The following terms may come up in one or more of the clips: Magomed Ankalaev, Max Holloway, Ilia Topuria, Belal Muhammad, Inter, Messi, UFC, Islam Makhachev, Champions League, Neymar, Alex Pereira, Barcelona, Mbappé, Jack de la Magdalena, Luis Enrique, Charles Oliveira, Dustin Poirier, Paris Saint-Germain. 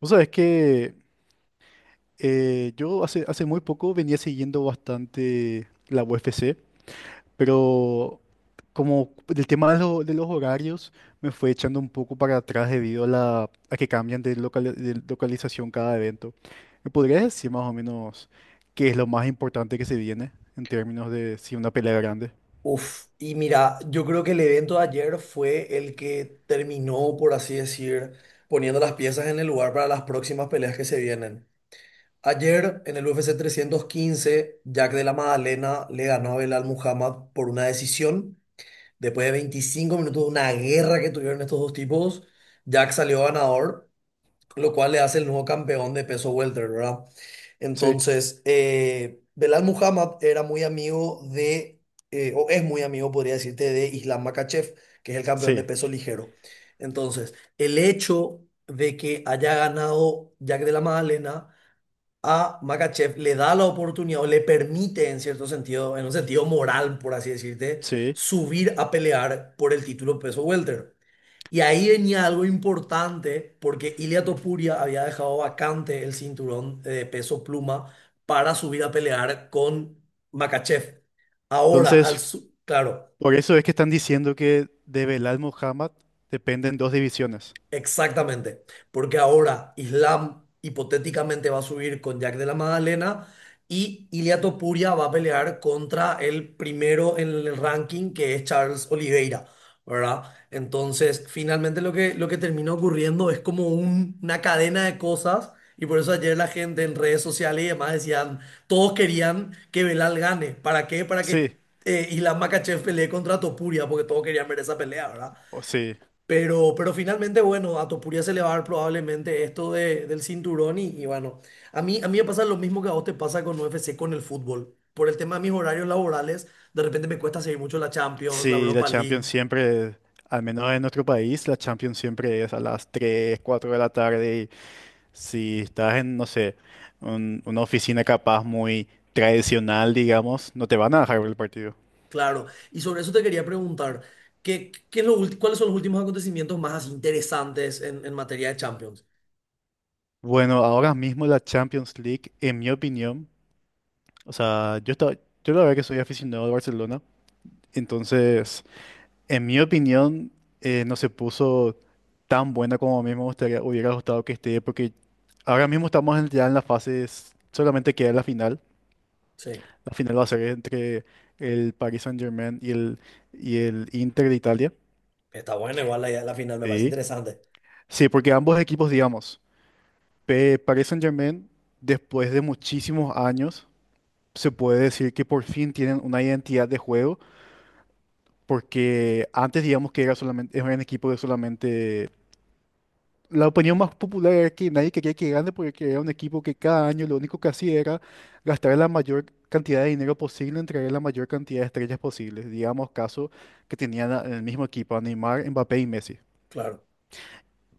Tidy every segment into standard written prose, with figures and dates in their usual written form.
Vos sabés que yo hace muy poco venía siguiendo bastante la UFC, pero como el tema de los horarios me fue echando un poco para atrás debido a que cambian de local de localización cada evento. ¿Me podrías decir más o menos qué es lo más importante que se viene en términos de si una pelea grande? Uf, y mira, yo creo que el evento de ayer fue el que terminó, por así decir, poniendo las piezas en el lugar para las próximas peleas que se vienen. Ayer, en el UFC 315, Jack de la Magdalena le ganó a Belal Muhammad por una decisión. Después de 25 minutos de una guerra que tuvieron estos dos tipos, Jack salió ganador lo cual le hace el nuevo campeón de peso welter, ¿verdad? Sí, Entonces, Belal Muhammad era muy amigo de, o es muy amigo, podría decirte, de Islam Makhachev, que es el campeón de sí, peso ligero. Entonces, el hecho de que haya ganado Jack de la Magdalena a Makachev le da la oportunidad o le permite, en cierto sentido, en un sentido moral, por así decirte, sí. subir a pelear por el título peso welter. Y ahí venía algo importante porque Ilia Topuria había dejado vacante el cinturón de peso pluma para subir a pelear con Makachev. Ahora, Entonces, claro. por eso es que están diciendo que de Belal Muhammad dependen dos divisiones. Exactamente, porque ahora Islam hipotéticamente va a subir con Jack de la Magdalena y Ilia Topuria va a pelear contra el primero en el ranking que es Charles Oliveira, ¿verdad? Entonces, finalmente lo que termina ocurriendo es como una cadena de cosas y por eso ayer la gente en redes sociales y demás decían, todos querían que Belal gane. ¿Para qué? Para que Sí, Islam Makhachev pelee contra Topuria, porque todos querían ver esa pelea, ¿verdad? o sí. Pero finalmente, bueno, a Topuria se le va a dar probablemente esto del cinturón y bueno, a mí me pasa lo mismo que a vos te pasa con UFC, con el fútbol. Por el tema de mis horarios laborales, de repente me cuesta seguir mucho la Champions, la Sí, la Europa League, Champions siempre, al menos en nuestro país, la Champions siempre es a las 3, 4 de la tarde y si estás en, no sé, una oficina capaz muy tradicional, digamos, no te van a dejar ver el partido. claro. Y sobre eso te quería preguntar, ¿qué es cuáles son los últimos acontecimientos más así interesantes en materia de Champions? Bueno, ahora mismo la Champions League, en mi opinión, o sea, yo la verdad que soy aficionado al Barcelona, entonces. En mi opinión, no se puso tan buena como a mí me gustaría, hubiera gustado que esté, porque ahora mismo ya en la fase, solamente queda la final. Sí, La final va a ser entre el Paris Saint-Germain y el Inter de Italia. está bueno, igual la final me parece Sí. interesante. Sí, porque ambos equipos, digamos, Paris Saint-Germain, después de muchísimos años, se puede decir que por fin tienen una identidad de juego, porque antes, digamos, que era solamente, era un equipo que solamente la opinión más popular era que nadie quería que gane porque era un equipo que cada año lo único que hacía era gastar la mayor cantidad de dinero posible en traer la mayor cantidad de estrellas posibles. Digamos, caso que tenían el mismo equipo a Neymar, Mbappé y Messi. Claro,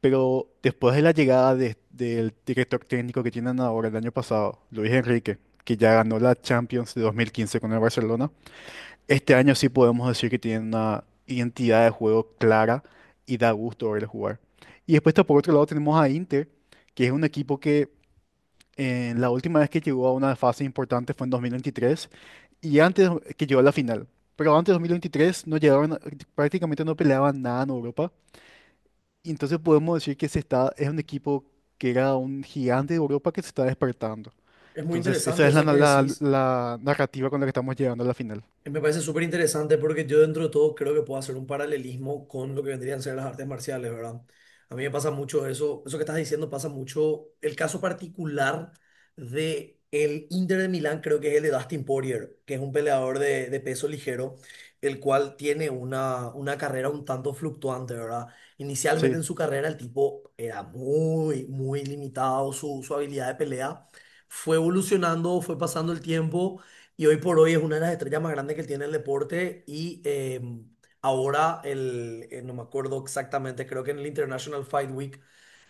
Pero después de la llegada del director técnico que tienen ahora el año pasado, Luis Enrique, que ya ganó la Champions de 2015 con el Barcelona, este año sí podemos decir que tiene una identidad de juego clara y da gusto verle jugar. Y después está por otro lado tenemos a Inter, que es un equipo que la última vez que llegó a una fase importante fue en 2023 y antes que llegó a la final. Pero antes de 2023 no llegaron, prácticamente no peleaban nada en Europa. Y entonces podemos decir que se está, es un equipo que era un gigante de Europa que se está despertando. es muy Entonces esa interesante es la, eso que la decís. la narrativa con la que estamos llegando a la final. Me parece súper interesante porque yo dentro de todo creo que puedo hacer un paralelismo con lo que vendrían a ser las artes marciales, ¿verdad? A mí me pasa mucho eso, eso que estás diciendo pasa mucho. El caso particular de el Inter de Milán creo que es el de Dustin Poirier, que es un peleador de peso ligero, el cual tiene una carrera un tanto fluctuante, ¿verdad? Inicialmente en Sí, su carrera el tipo era muy limitado su habilidad de pelea. Fue evolucionando, fue pasando el tiempo y hoy por hoy es una de las estrellas más grandes que tiene el deporte y ahora, no me acuerdo exactamente, creo que en el International Fight Week,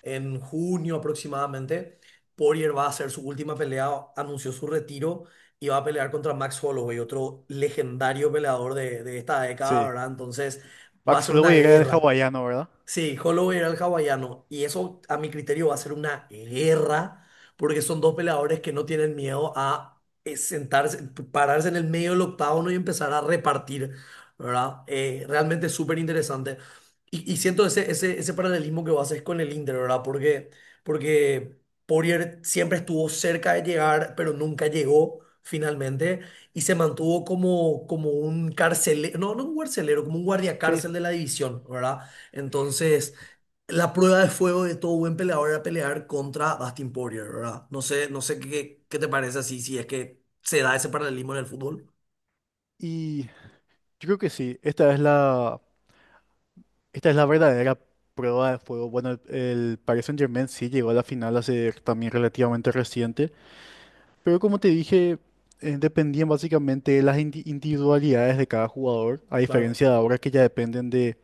en junio aproximadamente, Poirier va a hacer su última pelea, anunció su retiro y va a pelear contra Max Holloway, otro legendario peleador de esta década, sí. ¿verdad? Entonces va a Max ser una Holloway era el guerra. hawaiano, ¿verdad? Sí, Holloway era el hawaiano. Y eso, a mi criterio, va a ser una guerra, porque son dos peleadores que no tienen miedo a sentarse, pararse en el medio del octágono y empezar a repartir, ¿verdad? Realmente es súper interesante. Y siento ese paralelismo que vos haces con el Inter, ¿verdad? Porque Poirier siempre estuvo cerca de llegar, pero nunca llegó finalmente. Y se mantuvo como, como un carcelero, no, no un carcelero, como un Sí. guardiacárcel de la división, ¿verdad? Entonces, la prueba de fuego de todo buen peleador era pelear contra Dustin Poirier, ¿verdad? No sé qué, qué te parece así, si es que se da ese paralelismo en el fútbol. Y yo creo que sí, esta es la verdadera prueba de fuego. Bueno, el Paris Saint-Germain sí llegó a la final hace también relativamente reciente, pero como te dije, dependían básicamente de las individualidades de cada jugador, a Claro. diferencia de ahora que ya dependen de.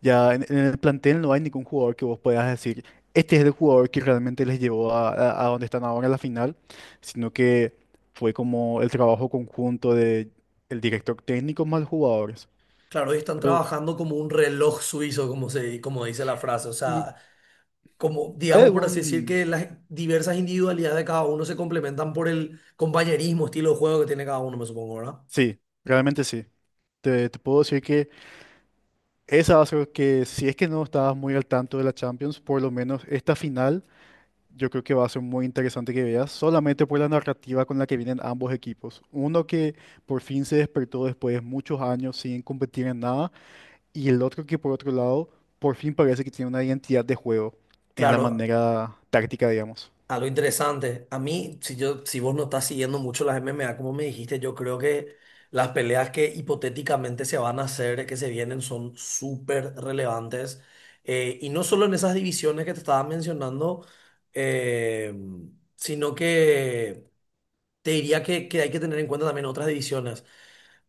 Ya en el plantel no hay ningún jugador que vos puedas decir, este es el jugador que realmente les llevó a donde están ahora en la final, sino que fue como el trabajo conjunto de el director técnico más los jugadores. Claro, y están Pero, trabajando como un reloj suizo, como se, como dice la frase. O ¿y sea, como, hay digamos por así decir, algún...? que las diversas individualidades de cada uno se complementan por el compañerismo, estilo de juego que tiene cada uno, me supongo, ¿verdad? Sí, realmente sí. Te puedo decir que esa va a ser que si es que no estabas muy al tanto de la Champions, por lo menos esta final. Yo creo que va a ser muy interesante que veas, solamente por la narrativa con la que vienen ambos equipos. Uno que por fin se despertó después de muchos años sin competir en nada, y el otro que por otro lado, por fin parece que tiene una identidad de juego en la Claro, manera táctica, digamos. algo interesante. A mí, si yo, si vos no estás siguiendo mucho las MMA, como me dijiste, yo creo que las peleas que hipotéticamente se van a hacer, que se vienen, son súper relevantes. Y no solo en esas divisiones que te estaba mencionando, eh, sino que te diría que hay que tener en cuenta también otras divisiones.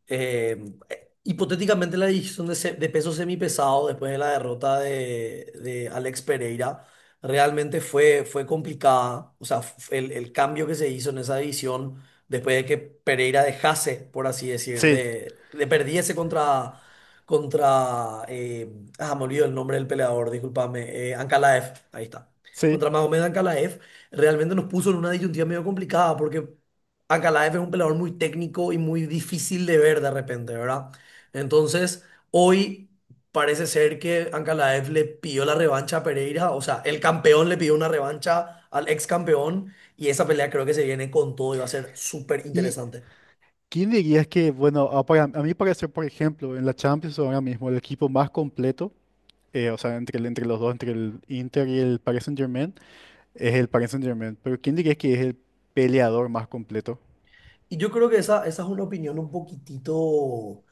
Eh, Hipotéticamente la división de peso semipesado después de la derrota de Alex Pereira realmente fue, fue complicada. O sea, el cambio que se hizo en esa división después de que Pereira dejase, por así decir, Sí, de perdiese contra, contra me olvido el nombre del peleador, discúlpame, Ankalaev, ahí está. sí. Contra Magomed Ankalaev, realmente nos puso en una disyuntiva medio complicada porque Ankalaev es un peleador muy técnico y muy difícil de ver de repente, ¿verdad? Entonces, hoy parece ser que Ankalaev le pidió la revancha a Pereira, o sea, el campeón le pidió una revancha al ex campeón y esa pelea creo que se viene con todo y va a ser súper ¿Y interesante. quién dirías que, bueno, a, para- a mi parecer, por ejemplo, en la Champions ahora mismo, el equipo más completo, o sea, entre los dos, entre el Inter y el Paris Saint-Germain, es el Paris Saint-Germain. Pero ¿quién dirías que es el peleador más completo? Y yo creo que esa es una opinión un poquitito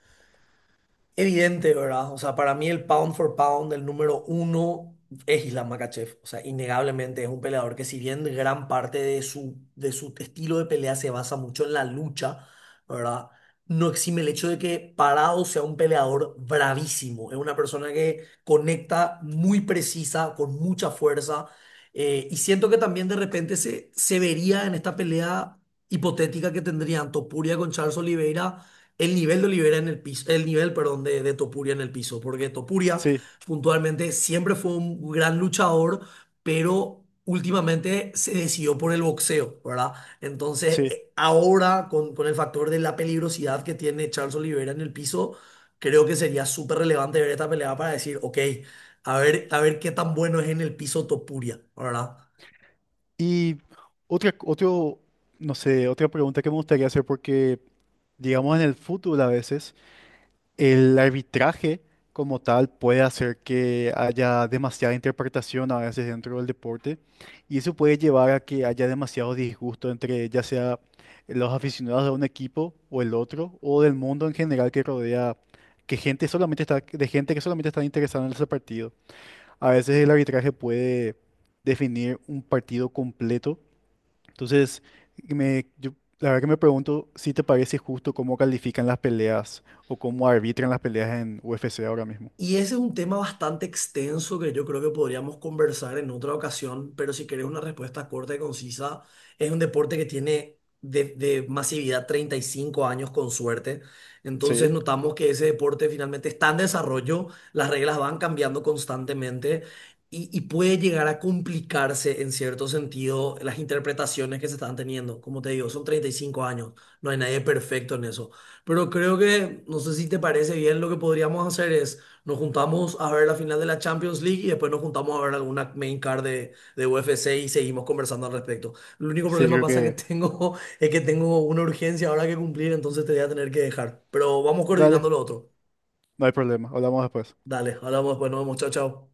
evidente, ¿verdad? O sea, para mí el pound for pound, el número uno, es Islam Makhachev. O sea, innegablemente es un peleador que si bien gran parte de su estilo de pelea se basa mucho en la lucha, ¿verdad? No exime el hecho de que Parado sea un peleador bravísimo. Es una persona que conecta muy precisa, con mucha fuerza. Y siento que también de repente se vería en esta pelea hipotética que tendrían Topuria con Charles Oliveira el nivel de Olivera en el piso, el nivel, perdón, de Topuria en el piso, porque Topuria Sí, puntualmente siempre fue un gran luchador, pero últimamente se decidió por el boxeo, ¿verdad? Entonces, sí. Ahora con el factor de la peligrosidad que tiene Charles Olivera en el piso, creo que sería súper relevante ver esta pelea para decir, ok, a ver qué tan bueno es en el piso Topuria, ¿verdad? Y otro, no sé, otra pregunta que me gustaría hacer porque, digamos, en el fútbol a veces el arbitraje como tal puede hacer que haya demasiada interpretación a veces dentro del deporte y eso puede llevar a que haya demasiado disgusto entre ya sea los aficionados de un equipo o el otro o del mundo en general que rodea, que gente solamente está, de gente que solamente está interesada en ese partido. A veces el arbitraje puede definir un partido completo. Entonces, me- yo, la verdad que me pregunto si te parece justo cómo califican las peleas o cómo arbitran las peleas en UFC ahora mismo. Y ese es un tema bastante extenso que yo creo que podríamos conversar en otra ocasión, pero si querés una respuesta corta y concisa, es un deporte que tiene de masividad 35 años con suerte. Entonces Sí, notamos que ese deporte finalmente está en desarrollo, las reglas van cambiando constantemente y puede llegar a complicarse en cierto sentido las interpretaciones que se están teniendo. Como te digo, son 35 años, no hay nadie perfecto en eso. Pero creo que, no sé si te parece bien, lo que podríamos hacer es... Nos juntamos a ver la final de la Champions League y después nos juntamos a ver alguna main card de UFC y seguimos conversando al respecto. El único sí, problema yo creo pasa que que... tengo es que tengo una urgencia ahora que cumplir, entonces te voy a tener que dejar. Pero vamos Dale, coordinando lo otro. no hay problema. Hablamos después. Dale, hablamos después, nos vemos, chao, chao.